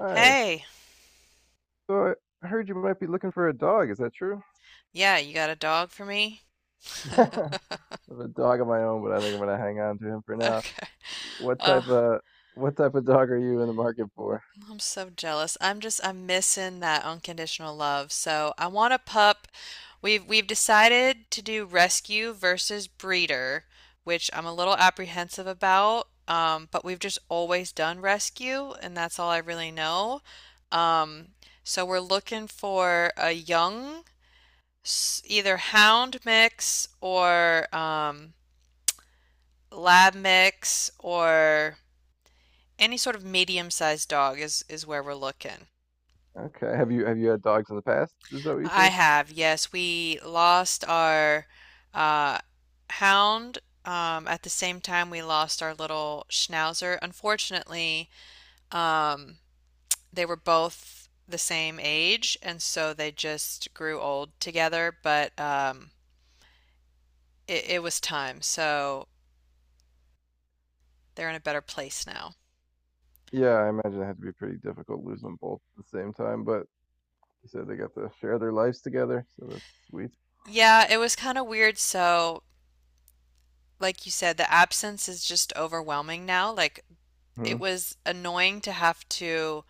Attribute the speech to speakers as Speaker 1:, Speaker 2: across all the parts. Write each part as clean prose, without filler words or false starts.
Speaker 1: Hi.
Speaker 2: Hey,
Speaker 1: So, I heard you might be looking for a dog. Is that true?
Speaker 2: yeah, you got a dog for me?
Speaker 1: I have a dog of my own, but I think I'm gonna hang on to him for now.
Speaker 2: Okay.
Speaker 1: What
Speaker 2: Uh,
Speaker 1: type of what type of dog are you in the market for?
Speaker 2: I'm so jealous. I'm missing that unconditional love. So I want a pup. We've decided to do rescue versus breeder, which I'm a little apprehensive about. But we've just always done rescue, and that's all I really know. Um, so we're looking for a young, either hound mix or lab mix or any sort of medium-sized dog is where we're looking.
Speaker 1: Okay. Have you had dogs in the past? Is that what you
Speaker 2: I
Speaker 1: said?
Speaker 2: have, yes, we lost our uh, hound, at the same time we lost our little schnauzer. Unfortunately, um, they were both the same age, and so they just grew old together. But it was time, so they're in a better place now.
Speaker 1: Yeah, I imagine it had to be pretty difficult losing them both at the same time, but you said they got to share their lives together, so that's sweet.
Speaker 2: Yeah, it was kind of weird. So, like you said, the absence is just overwhelming now. Like
Speaker 1: Hmm.
Speaker 2: it was annoying to have to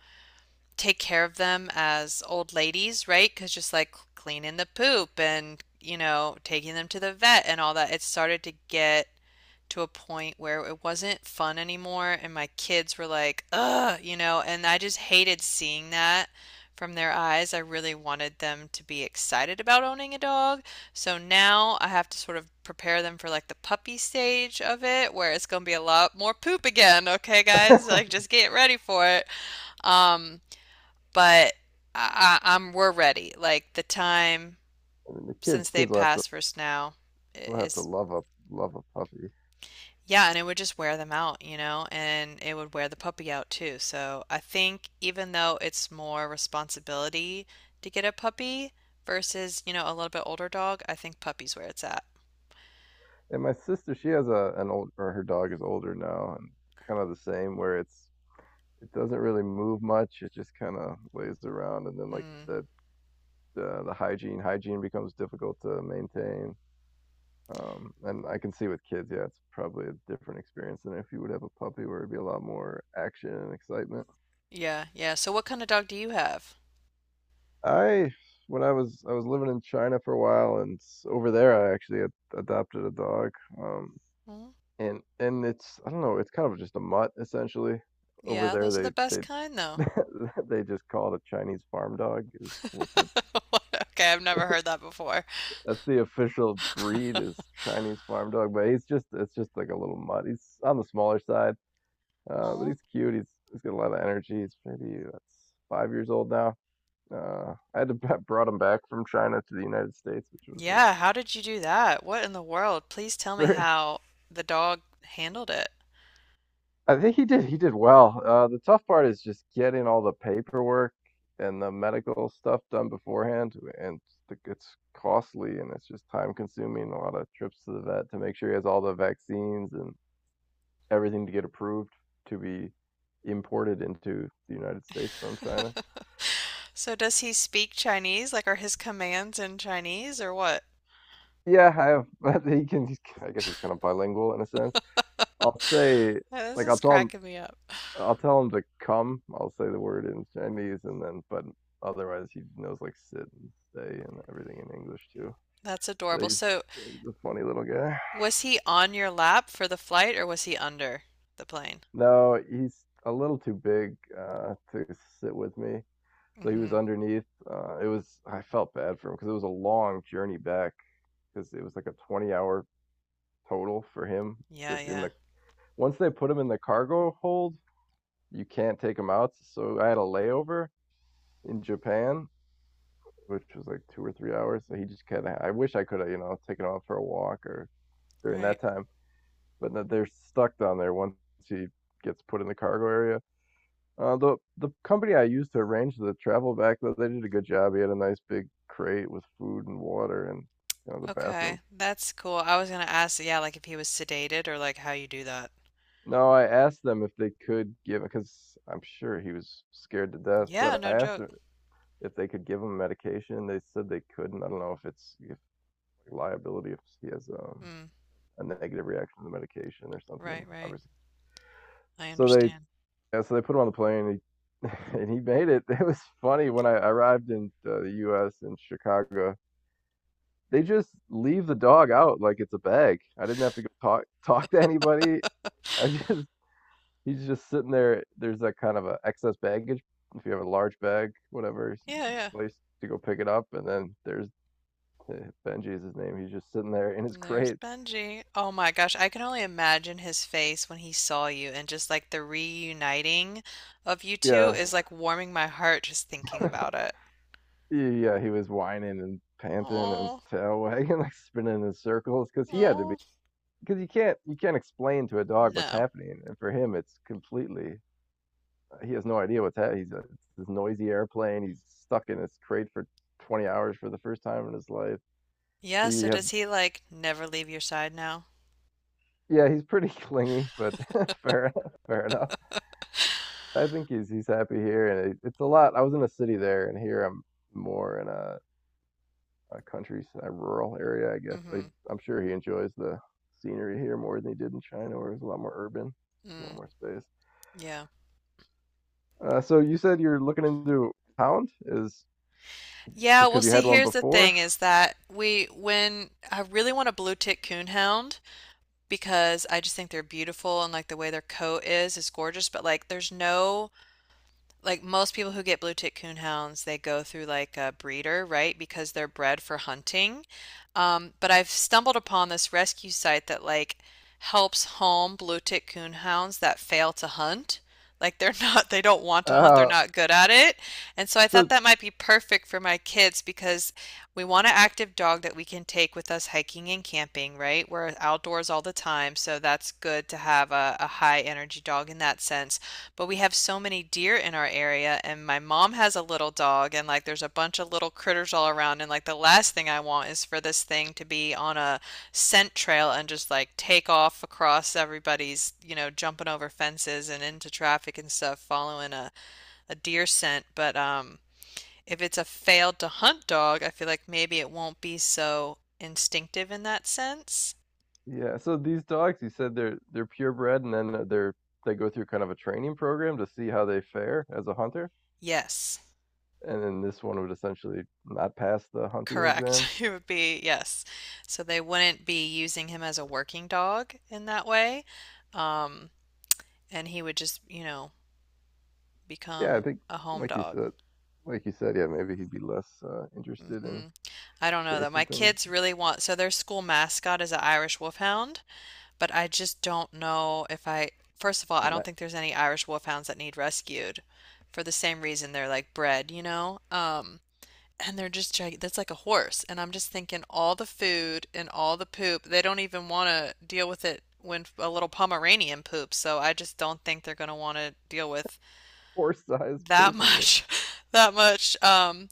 Speaker 2: take care of them as old ladies, right? Because just like cleaning the poop and, taking them to the vet and all that, it started to get to a point where it wasn't fun anymore. And my kids were like, ugh, and I just hated seeing that from their eyes. I really wanted them to be excited about owning a dog. So now I have to sort of prepare them for like the puppy stage of it, where it's going to be a lot more poop again. Okay, guys, like just get ready for it. Um, but I, am we're ready. Like the time
Speaker 1: And the
Speaker 2: since
Speaker 1: kids,
Speaker 2: they
Speaker 1: kids will have to
Speaker 2: passed first now
Speaker 1: will have to
Speaker 2: is
Speaker 1: love a love a puppy.
Speaker 2: yeah, and it would just wear them out, and it would wear the puppy out too. So I think even though it's more responsibility to get a puppy versus, a little bit older dog, I think puppy's where it's at.
Speaker 1: And my sister, she has a an old or her dog is older now and kind of the same where it doesn't really move much. It just kinda lays around, and then, like you
Speaker 2: Hmm.
Speaker 1: said, the hygiene becomes difficult to maintain. And I can see with kids, yeah, it's probably a different experience than if you would have a puppy where it'd be a lot more action and excitement.
Speaker 2: Yeah, yeah. So what kind of dog do you have?
Speaker 1: I when I was living in China for a while, and s over there, I actually ad adopted a dog, um,
Speaker 2: Hmm.
Speaker 1: and it's, I don't know, it's kind of just a mutt, essentially. Over
Speaker 2: Yeah,
Speaker 1: there,
Speaker 2: those are the best
Speaker 1: they
Speaker 2: kind though.
Speaker 1: they just call it a Chinese farm dog is what the
Speaker 2: Okay, I've never heard that before.
Speaker 1: that's the official breed, is Chinese farm dog, but he's just it's just like a little mutt. He's on the smaller side, but
Speaker 2: Oh.
Speaker 1: he's cute. He's got a lot of energy. He's maybe, that's 5 years old now. I had to I brought him back from China to the United States, which was a
Speaker 2: Yeah, how did you do that? What in the world? Please tell me
Speaker 1: very.
Speaker 2: how the dog handled it.
Speaker 1: I think he did well. The tough part is just getting all the paperwork and the medical stuff done beforehand, and it's costly and it's just time consuming. A lot of trips to the vet to make sure he has all the vaccines and everything to get approved to be imported into the United States from China.
Speaker 2: So does he speak Chinese? Like are his commands in Chinese or what?
Speaker 1: Yeah, I have. But he can. I guess he's kind of bilingual in a sense. I'll say,
Speaker 2: Oh, this
Speaker 1: like, I'll
Speaker 2: is
Speaker 1: tell him.
Speaker 2: cracking me up.
Speaker 1: I'll tell him to come. I'll say the word in Chinese, and then, but otherwise, he knows like sit and stay and everything in English too.
Speaker 2: That's
Speaker 1: So
Speaker 2: adorable.
Speaker 1: he's,
Speaker 2: So
Speaker 1: he's a funny little guy.
Speaker 2: was he on your lap for the flight or was he under the plane?
Speaker 1: No, he's a little too big to sit with me. So he was
Speaker 2: Mm-hmm.
Speaker 1: underneath. It was. I felt bad for him because it was a long journey back, because it was like a 20-hour total for him,
Speaker 2: Yeah,
Speaker 1: just in
Speaker 2: yeah.
Speaker 1: the Once they put him in the cargo hold, you can't take him out. So I had a layover in Japan, which was like 2 or 3 hours, so he just kind of, I wish I could have, you know, taken off for a walk or during
Speaker 2: Right.
Speaker 1: that time. But no, they're stuck down there once he gets put in the cargo area. The company I used to arrange the travel back, though, they did a good job. He had a nice big crate with food and water and, you know, the bathroom.
Speaker 2: Okay. That's cool. I was gonna ask, yeah, like if he was sedated or like how you do that.
Speaker 1: No, I asked them if they could give, because I'm sure he was scared to death,
Speaker 2: Yeah,
Speaker 1: but I
Speaker 2: no
Speaker 1: asked
Speaker 2: joke.
Speaker 1: them if they could give him medication. They said they couldn't. I don't know if it's if like liability if he has
Speaker 2: Hmm.
Speaker 1: a negative reaction to the medication or something.
Speaker 2: Right, right.
Speaker 1: Obviously,
Speaker 2: I
Speaker 1: so they
Speaker 2: understand.
Speaker 1: yeah, so they put him on the plane. He, and he made it. It was funny when I arrived in the U.S. in Chicago. They just leave the dog out like it's a bag. I didn't have to go talk to anybody. I just He's just sitting there. There's that kind of a excess baggage. If you have a large bag, whatever
Speaker 2: Yeah, yeah.
Speaker 1: place to go pick it up, and then there's Benji is his name. He's just sitting there in his
Speaker 2: And there's
Speaker 1: crate.
Speaker 2: Benji. Oh my gosh, I can only imagine his face when he saw you and just like the reuniting of you two
Speaker 1: Yeah,
Speaker 2: is like warming my heart just thinking about it.
Speaker 1: yeah. He was whining and panting and his
Speaker 2: Oh,
Speaker 1: tail wagging, like spinning in circles, because he had to be.
Speaker 2: oh.
Speaker 1: Because you can't explain to a dog what's
Speaker 2: No.
Speaker 1: happening, and for him it's completely. He has no idea what's happening. This noisy airplane. He's stuck in his crate for 20 hours for the first time in his life.
Speaker 2: Yeah,
Speaker 1: He
Speaker 2: so
Speaker 1: has
Speaker 2: does he like never leave your side now?
Speaker 1: Yeah, he's pretty clingy, but fair fair enough. I think he's happy here, and it's a lot. I was in a city there, and here I'm more in a country, a rural area, I guess.
Speaker 2: Mm-hmm.
Speaker 1: I'm sure he enjoys the scenery here more than he did in China, where it's a lot more urban, a lot
Speaker 2: Mm,
Speaker 1: more space.
Speaker 2: yeah.
Speaker 1: So you said you're looking into hound is
Speaker 2: Yeah,
Speaker 1: just
Speaker 2: well
Speaker 1: because you
Speaker 2: see,
Speaker 1: had one
Speaker 2: here's the
Speaker 1: before.
Speaker 2: thing is that we when I really want a blue tick coonhound because I just think they're beautiful and like the way their coat is gorgeous, but like there's no like most people who get blue tick coonhounds, they go through like a breeder, right? Because they're bred for hunting. But I've stumbled upon this rescue site that like helps home blue tick coonhounds that fail to hunt. Like they're not, they don't want to hunt, they're
Speaker 1: Uh,
Speaker 2: not good at it. And so I thought
Speaker 1: so
Speaker 2: that might be perfect for my kids because we want an active dog that we can take with us hiking and camping, right? We're outdoors all the time, so that's good to have a high energy dog in that sense. But we have so many deer in our area, and my mom has a little dog, and like there's a bunch of little critters all around. And like the last thing I want is for this thing to be on a scent trail and just like take off across everybody's, jumping over fences and into traffic and stuff, following a deer scent. But, if it's a failed to hunt dog, I feel like maybe it won't be so instinctive in that sense.
Speaker 1: yeah, so these dogs, you said they're purebred, and then they go through kind of a training program to see how they fare as a hunter.
Speaker 2: Yes,
Speaker 1: And then this one would essentially not pass the hunting
Speaker 2: correct.
Speaker 1: exam.
Speaker 2: It would be yes. So they wouldn't be using him as a working dog in that way. Um, and he would just,
Speaker 1: Yeah, I
Speaker 2: become
Speaker 1: think,
Speaker 2: a home
Speaker 1: like you
Speaker 2: dog.
Speaker 1: said, like you said, yeah, maybe he'd be less interested
Speaker 2: Hmm.
Speaker 1: in
Speaker 2: I don't know though. My
Speaker 1: chasing things.
Speaker 2: kids really want, so their school mascot is an Irish Wolfhound. But I just don't know if I, First of all, I
Speaker 1: And
Speaker 2: don't
Speaker 1: that
Speaker 2: think there's any Irish wolfhounds that need rescued for the same reason they're like bred, you know? And they're just gig that's like a horse. And I'm just thinking all the food and all the poop, they don't even want to deal with it when a little Pomeranian poops. So I just don't think they're going to want to deal with
Speaker 1: horse sized
Speaker 2: that
Speaker 1: poop, and
Speaker 2: much. That much.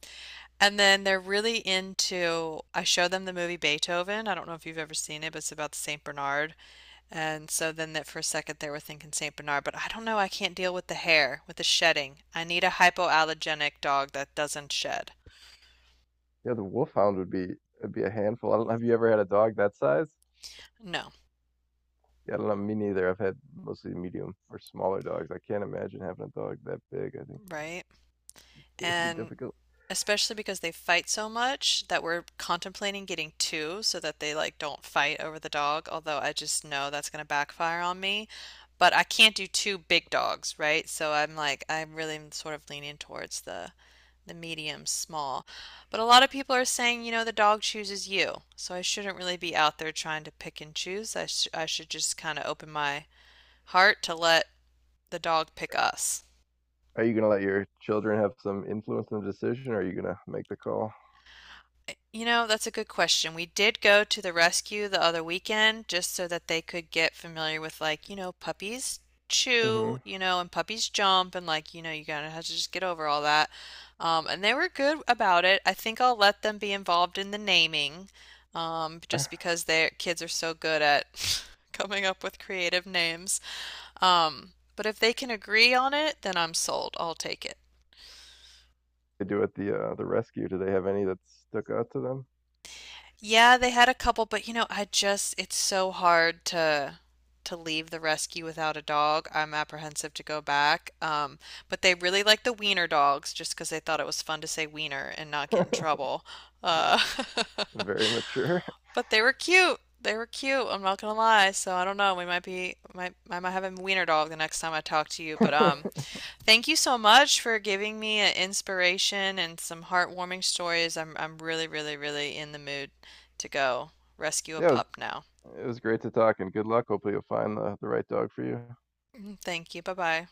Speaker 2: And then they're really into. I show them the movie Beethoven. I don't know if you've ever seen it, but it's about the Saint Bernard, and so then that for a second they were thinking St. Bernard, but I don't know, I can't deal with the hair, with the shedding. I need a hypoallergenic dog that doesn't shed.
Speaker 1: yeah, the wolfhound would be a handful. I don't know. Have you ever had a dog that size?
Speaker 2: No,
Speaker 1: Yeah, I don't know. Me neither. I've had mostly medium or smaller dogs. I can't imagine having a dog that big. I think
Speaker 2: right?
Speaker 1: it'd be
Speaker 2: And
Speaker 1: difficult.
Speaker 2: especially because they fight so much that we're contemplating getting two so that they like don't fight over the dog, although I just know that's going to backfire on me. But I can't do two big dogs, right? So I'm like I'm really mm, sort of leaning towards the medium small. But a lot of people are saying, you know, the dog chooses you. So I shouldn't really be out there trying to pick and choose. I should just kind of open my heart to let the dog pick us.
Speaker 1: Are you gonna let your children have some influence in the decision, or are you gonna make the call?
Speaker 2: You know, that's a good question. We did go to the rescue the other weekend just so that they could get familiar with, like, you know, puppies
Speaker 1: Hmm.
Speaker 2: chew, you know, and puppies jump, and like, you know, you gotta have to just get over all that. And they were good about it. I think I'll let them be involved in the naming,
Speaker 1: I
Speaker 2: just because their kids are so good at coming up with creative names. Um, but if they can agree on it, then I'm sold. I'll take it.
Speaker 1: They do at the rescue? Do they have any that stuck out to them?
Speaker 2: Yeah, they had a couple, but you know, I just it's so hard to leave the rescue without a dog. I'm apprehensive to go back. But they really like the wiener dogs just because they thought it was fun to say wiener and not get in trouble. Uh,
Speaker 1: Very, very mature.
Speaker 2: but they were cute. They were cute. I'm not gonna lie. So I don't know. We might be might I might have a wiener dog the next time I talk to you. But
Speaker 1: Yeah,
Speaker 2: thank you so much for giving me an inspiration and some heartwarming stories. I'm really, really, really in the mood to go rescue a
Speaker 1: it was
Speaker 2: pup now.
Speaker 1: it was great to talk and good luck. Hopefully you'll find the right dog for you.
Speaker 2: Mm, thank you. Bye-bye.